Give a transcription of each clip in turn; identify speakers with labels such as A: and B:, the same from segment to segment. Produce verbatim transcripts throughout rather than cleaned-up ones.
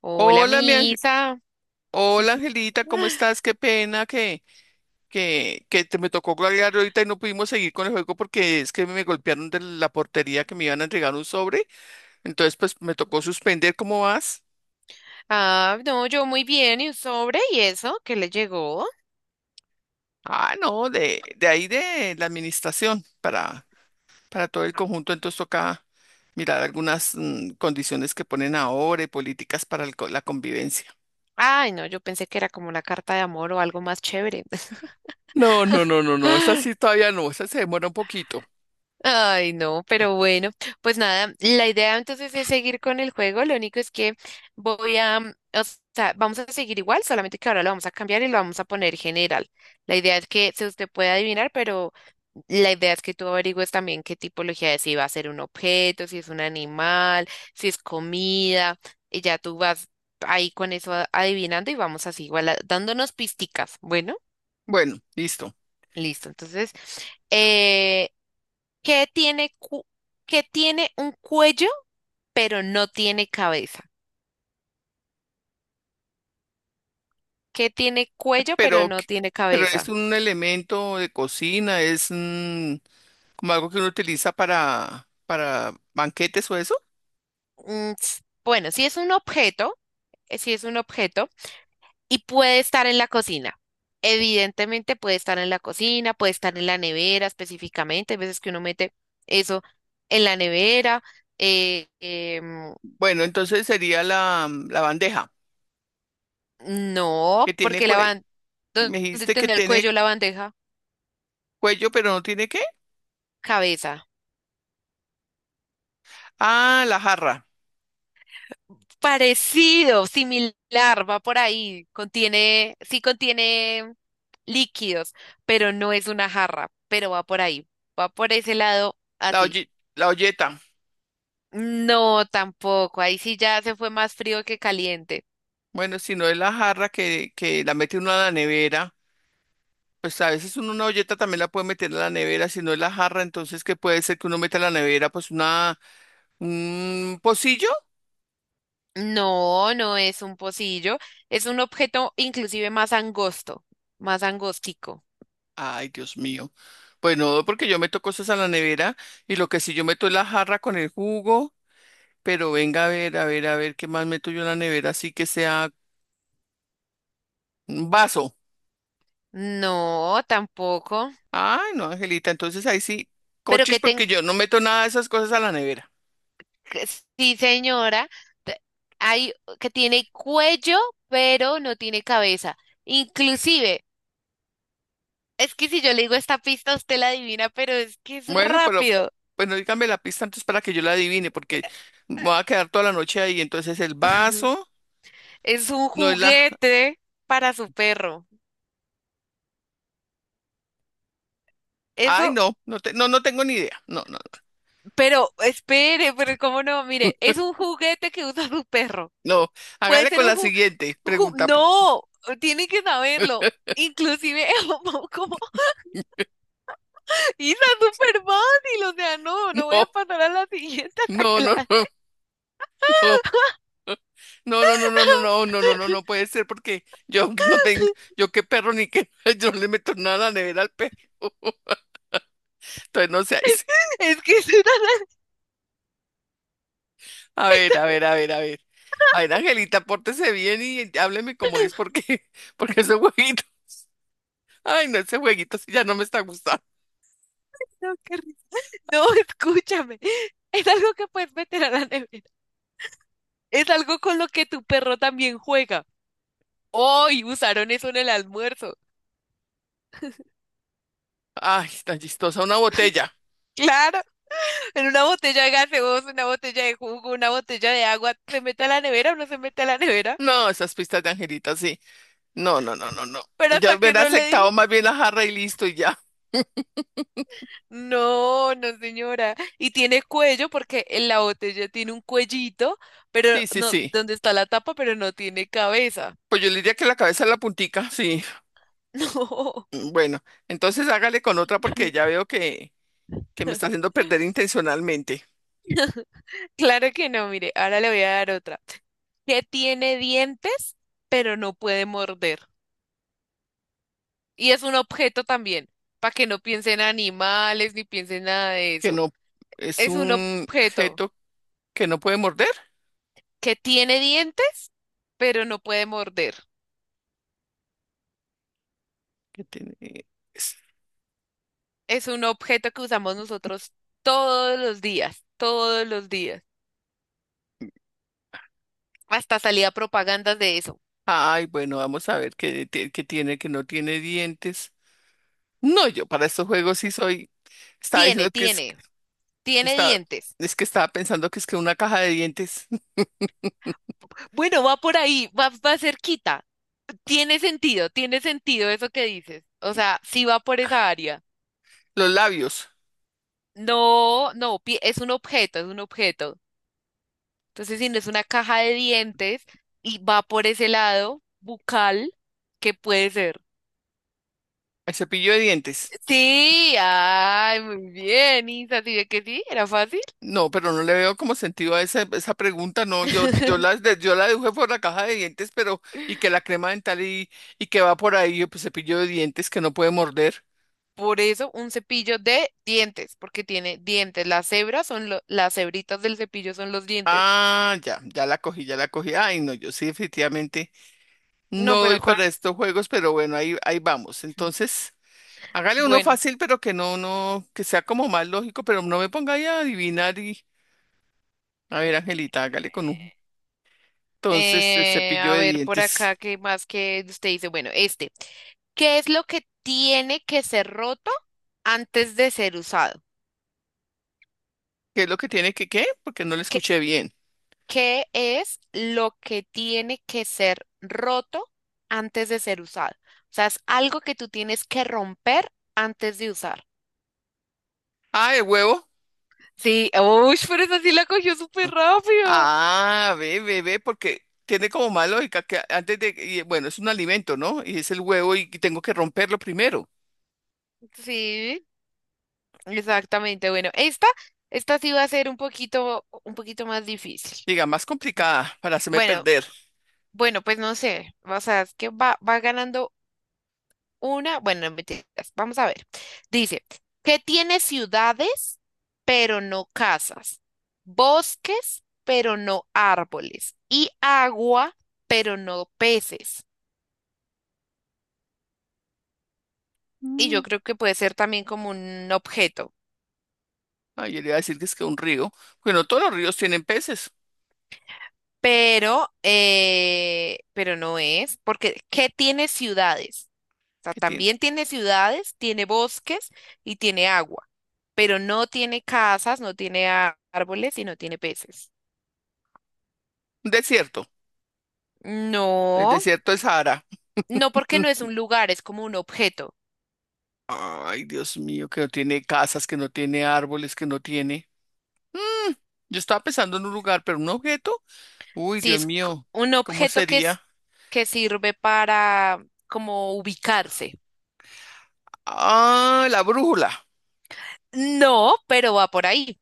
A: Hola,
B: Hola, mi ange-
A: misa.
B: hola, Angelita, ¿cómo estás? Qué pena que, que, que te me tocó colgar ahorita y no pudimos seguir con el juego porque es que me golpearon de la portería que me iban a entregar un sobre. Entonces, pues me tocó suspender. ¿Cómo vas?
A: Ah, no, yo muy bien. ¿Y un sobre? ¿Y eso? ¿Qué le llegó?
B: Ah, no, de, de ahí de la administración para, para todo el conjunto. Entonces toca mirar algunas mm, condiciones que ponen ahora y políticas para el co- la convivencia.
A: Ay, no, yo pensé que era como una carta de amor o algo más chévere.
B: No, no, no, no, no. Esa sí todavía no. Esa se demora un poquito.
A: Ay, no, pero bueno, pues nada, la idea entonces es seguir con el juego. Lo único es que voy a, mm, o sea, vamos a seguir igual, solamente que ahora lo vamos a cambiar y lo vamos a poner general. La idea es que si usted puede adivinar, pero la idea es que tú averigües también qué tipología es, si va a ser un objeto, si es un animal, si es comida, y ya tú vas ahí con eso a- adivinando y vamos así, igual a- dándonos pisticas. Bueno,
B: Bueno, listo.
A: listo. Entonces, eh, ¿qué tiene, cu- qué tiene un cuello pero no tiene cabeza? ¿Qué tiene cuello pero
B: pero,
A: no
B: que-
A: tiene
B: pero es
A: cabeza?
B: un elemento de cocina, es un- como algo que uno utiliza para, para banquetes o eso.
A: Mm, s- bueno, si es un objeto, eh, si es un objeto y puede estar en la cocina. Evidentemente puede estar en la cocina, puede estar en la nevera específicamente. Hay veces que uno mete eso en la nevera. eh, em,
B: Bueno, entonces sería la, la bandeja,
A: no,
B: que tiene
A: porque la
B: cuello.
A: ban-
B: Me
A: ¿dónde
B: dijiste que
A: tendría el
B: tiene
A: cuello la bandeja?
B: cuello, pero no tiene qué.
A: Cabeza.
B: Ah, la jarra,
A: Parecido, similar, va por ahí. Contiene, sí contiene líquidos, pero no es una jarra, pero va por ahí. Va por ese lado
B: la
A: así.
B: oye- la olleta.
A: No, tampoco. Ahí sí ya se fue más frío que caliente.
B: Bueno, si no es la jarra que, que la mete uno a la nevera, pues a veces uno una olleta también la puede meter a la nevera. Si no es la jarra, entonces, ¿qué puede ser que uno meta a la nevera? Pues una, un pocillo.
A: No, no es un pocillo. Es un objeto inclusive más angosto, más angostico.
B: Ay, Dios mío. Pues no, porque yo meto cosas a la nevera y lo que sí yo meto es la jarra con el jugo, pero venga a ver, a ver, a ver qué más meto yo en la nevera, así que sea un vaso.
A: No, tampoco.
B: Ay, no, Angelita, entonces ahí sí,
A: Pero
B: cochis,
A: que ten...
B: porque yo no meto nada de esas cosas a la nevera.
A: que sí, señora. te- Hay que tiene cuello, pero no tiene cabeza. Inclusive, es que si yo le digo esta pista, usted la adivina, pero es que es
B: Bueno, pero
A: rápido.
B: bueno, dígame la pista antes para que yo la adivine, porque me voy a quedar toda la noche ahí. Entonces el vaso
A: Es un
B: no es la.
A: juguete para su perro.
B: Ay,
A: Eso.
B: no, no, te- no, no tengo ni idea. No, no, no.
A: Pero espere, pero cómo no, mire, es un juguete que usa su perro.
B: No,
A: Puede
B: hágale
A: ser
B: con
A: un
B: la
A: ju,
B: siguiente
A: un ju-
B: pregunta. por-
A: no, tiene que saberlo. Inclusive como, como Isa súper fácil, o sea, no, no voy
B: No,
A: a pasar a la siguiente hasta
B: no,
A: que la
B: no, no. Oh, no, no, no, no, no, no, no, no, no, no puede ser porque yo no tengo, yo qué perro ni qué, yo no le meto nada a la nevera al perro. Entonces no sé,
A: es que es una.
B: a ver, a ver, a ver, a ver. A ver, Angelita, pórtese bien y hábleme como es porque, porque ese jueguito, ay, no, ese jueguito sí ya no me está gustando.
A: No, qué risa. No, escúchame. Es algo que puedes meter a la nevera. Es algo con lo que tu perro también juega. Hoy usaron eso en el almuerzo.
B: Ay, tan chistosa, una botella.
A: Claro, en una botella de gaseosa, una botella de jugo, una botella de agua, ¿se mete a la nevera o no se mete a la nevera?
B: No, esas pistas de Angelita, sí. No, no, no, no, no.
A: Pero
B: Yo
A: hasta que
B: hubiera
A: no le
B: aceptado
A: dije,
B: más bien la jarra y listo y ya.
A: no, no señora. Y tiene cuello porque en la botella tiene un cuellito, pero
B: Sí, sí,
A: no,
B: sí.
A: donde está la tapa, pero no tiene cabeza.
B: Pues yo le diría que la cabeza en la puntica, sí.
A: No,
B: Mm, bueno, entonces hágale con otra porque ya veo que, que me está haciendo perder intencionalmente,
A: claro que no, mire, ahora le voy a dar otra. Que tiene dientes, pero no puede morder. Y es un objeto también, para que no piensen en animales ni piensen nada de
B: que
A: eso.
B: no es
A: Es un
B: un
A: objeto
B: objeto que no puede morder,
A: que tiene dientes, pero no puede morder.
B: que tiene... es-
A: Es un objeto que usamos nosotros todos los días, todos los días. Hasta salía propagandas de eso.
B: ay, bueno, vamos a ver qué, ti- qué tiene, que no tiene dientes. No, yo para estos juegos sí soy, estaba
A: Tiene,
B: diciendo que es,
A: tiene, tiene
B: está,
A: dientes.
B: es que estaba pensando que es que una caja de dientes,
A: Bueno, va por ahí, va, va cerquita. Tiene sentido, tiene sentido eso que dices. O sea, sí va por esa área.
B: los labios,
A: No, no, pi- es un objeto, es un objeto. Entonces, si no es una caja de dientes y va por ese lado bucal, ¿qué puede ser?
B: el cepillo de dientes.
A: Sí, ay, muy bien, Isa, ¿sí ve que sí? Era fácil.
B: No, pero no le veo como sentido a esa, esa pregunta. No, yo, yo la, de- yo la deduje por la caja de dientes, pero y que la crema dental y, y que va por ahí, pues cepillo de dientes que no puede morder.
A: Por eso, un cepillo de dientes, porque tiene dientes. Las hebras son lo- las hebritas del cepillo son los dientes.
B: Ah, ya, ya la cogí, ya la cogí. Ay, no, yo sí definitivamente no
A: No, pero
B: doy
A: con,
B: para estos juegos, pero bueno, ahí, ahí vamos. Entonces, hágale uno
A: bueno,
B: fácil, pero que no, no, que sea como más lógico, pero no me ponga ahí a adivinar y, a ver, Angelita, hágale con un. Entonces, el
A: eh,
B: cepillo
A: a
B: de
A: ver por
B: dientes.
A: acá, ¿qué más que usted dice? Bueno, este, ¿qué es lo que tiene que ser roto antes de ser usado?
B: ¿Qué es lo que tiene que qué? Porque no lo escuché bien.
A: ¿Qué es lo que tiene que ser roto antes de ser usado? O sea, es algo que tú tienes que romper antes de usar.
B: Ah, el huevo.
A: Sí, uy, pero esa sí la cogió súper rápido.
B: Ah, ve, ve, ve, porque tiene como más lógica que antes de, y bueno, es un alimento, ¿no? Y es el huevo y tengo que romperlo primero.
A: Sí, exactamente. Bueno, esta, esta sí va a ser un poquito, un poquito más difícil.
B: Diga, más complicada para hacerme
A: Bueno,
B: perder.
A: bueno, pues no sé. O sea, es que va, va ganando una, bueno, no mentiras, vamos a ver. Dice, que tiene ciudades, pero no casas, bosques, pero no árboles, y agua, pero no peces. Y
B: Mm.
A: yo creo que puede ser también como un objeto,
B: Ay, yo le iba a decir que es que un río. Bueno, todos los ríos tienen peces.
A: pero, eh, pero no es, porque ¿qué tiene ciudades? O sea,
B: ¿Qué tiene?
A: también tiene ciudades, tiene bosques y tiene agua, pero no tiene casas, no tiene á- árboles y no tiene peces.
B: Un desierto. El
A: No.
B: desierto es Sahara.
A: No porque
B: Mm.
A: no es un lugar, es como un objeto.
B: Ay, Dios mío, que no tiene casas, que no tiene árboles, que no tiene. Mm, yo estaba pensando en un lugar, pero un objeto. Uy,
A: Sí,
B: Dios
A: es c-
B: mío,
A: un
B: ¿cómo
A: objeto que es,
B: sería?
A: que sirve para como ubicarse.
B: Ah, la brújula.
A: No, pero va por ahí,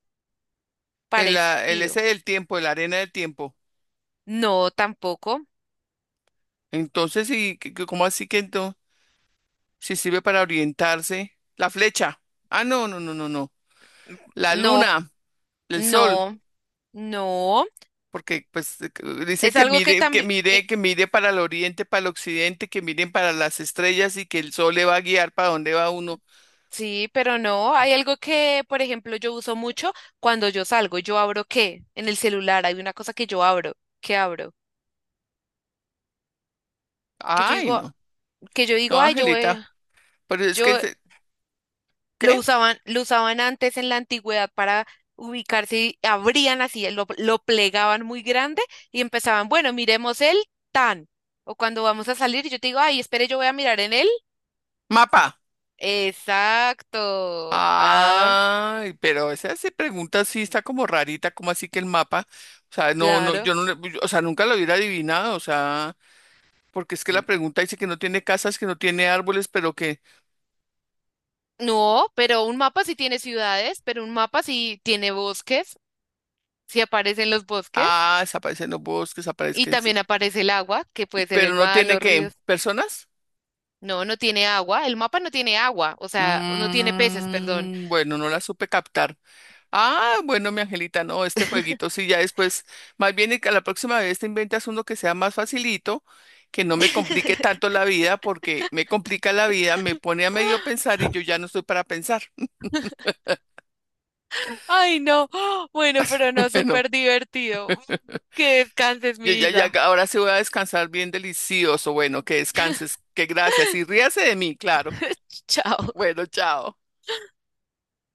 B: El, ah, el
A: parecido.
B: ese del tiempo, la arena del tiempo.
A: No, tampoco.
B: Entonces, ¿y qué- qué- cómo así que entonces? Si sirve para orientarse. La flecha. Ah, no, no, no, no, no. La
A: No,
B: luna, el sol,
A: no, no.
B: porque pues eh, que- dicen
A: Es
B: que
A: algo que
B: mire, que
A: también,
B: mire, que mire para el oriente, para el occidente, que miren para las estrellas y que el sol le va a guiar para dónde va uno.
A: sí, pero no. Hay algo que, por ejemplo, yo uso mucho cuando yo salgo. ¿Yo abro qué? En el celular hay una cosa que yo abro. ¿Qué abro? Que yo
B: Ay,
A: digo,
B: no,
A: que yo
B: no,
A: digo, ay, yo voy.
B: Angelita, pero es que,
A: Yo
B: se-
A: lo
B: ¿qué?
A: usaban, lo usaban antes en la antigüedad para ubicarse y abrían así, lo, lo plegaban muy grande y empezaban, bueno, miremos el tan. O cuando vamos a salir, yo te digo, ay, espere, yo voy a mirar en él.
B: Mapa.
A: Exacto. Ah,
B: Ay, pero esa, esa pregunta sí está como rarita, como así que el mapa, o sea, no, no,
A: claro.
B: yo no, le- yo- o sea, nunca lo hubiera adivinado, o sea, porque es que la pregunta dice que no tiene casas, que no tiene árboles, pero que,
A: No, pero un mapa sí tiene ciudades, pero un mapa sí tiene bosques, sí aparecen los bosques
B: ah, desaparecen los bosques,
A: y
B: aparecen, sí,
A: también aparece el agua, que puede ser
B: pero
A: el
B: no
A: mar,
B: tiene
A: los
B: qué
A: ríos.
B: personas.
A: No, no tiene agua, el mapa no tiene agua, o sea, no tiene peces, perdón.
B: Mm, bueno, no la supe captar. Ah, bueno, mi angelita, no, este jueguito sí, ya después, más bien y que la próxima vez te inventas uno que sea más facilito, que no me complique tanto la vida, porque me complica la vida, me pone a medio pensar y yo ya no estoy para pensar.
A: Ay, no. Bueno, pero no,
B: Bueno,
A: súper divertido. Que descanses,
B: yo
A: mi
B: ya, ya,
A: Isa.
B: ahora sí voy a descansar bien delicioso, bueno, que descanses, que gracias y ríase de mí, claro.
A: Chao.
B: Bueno, chao.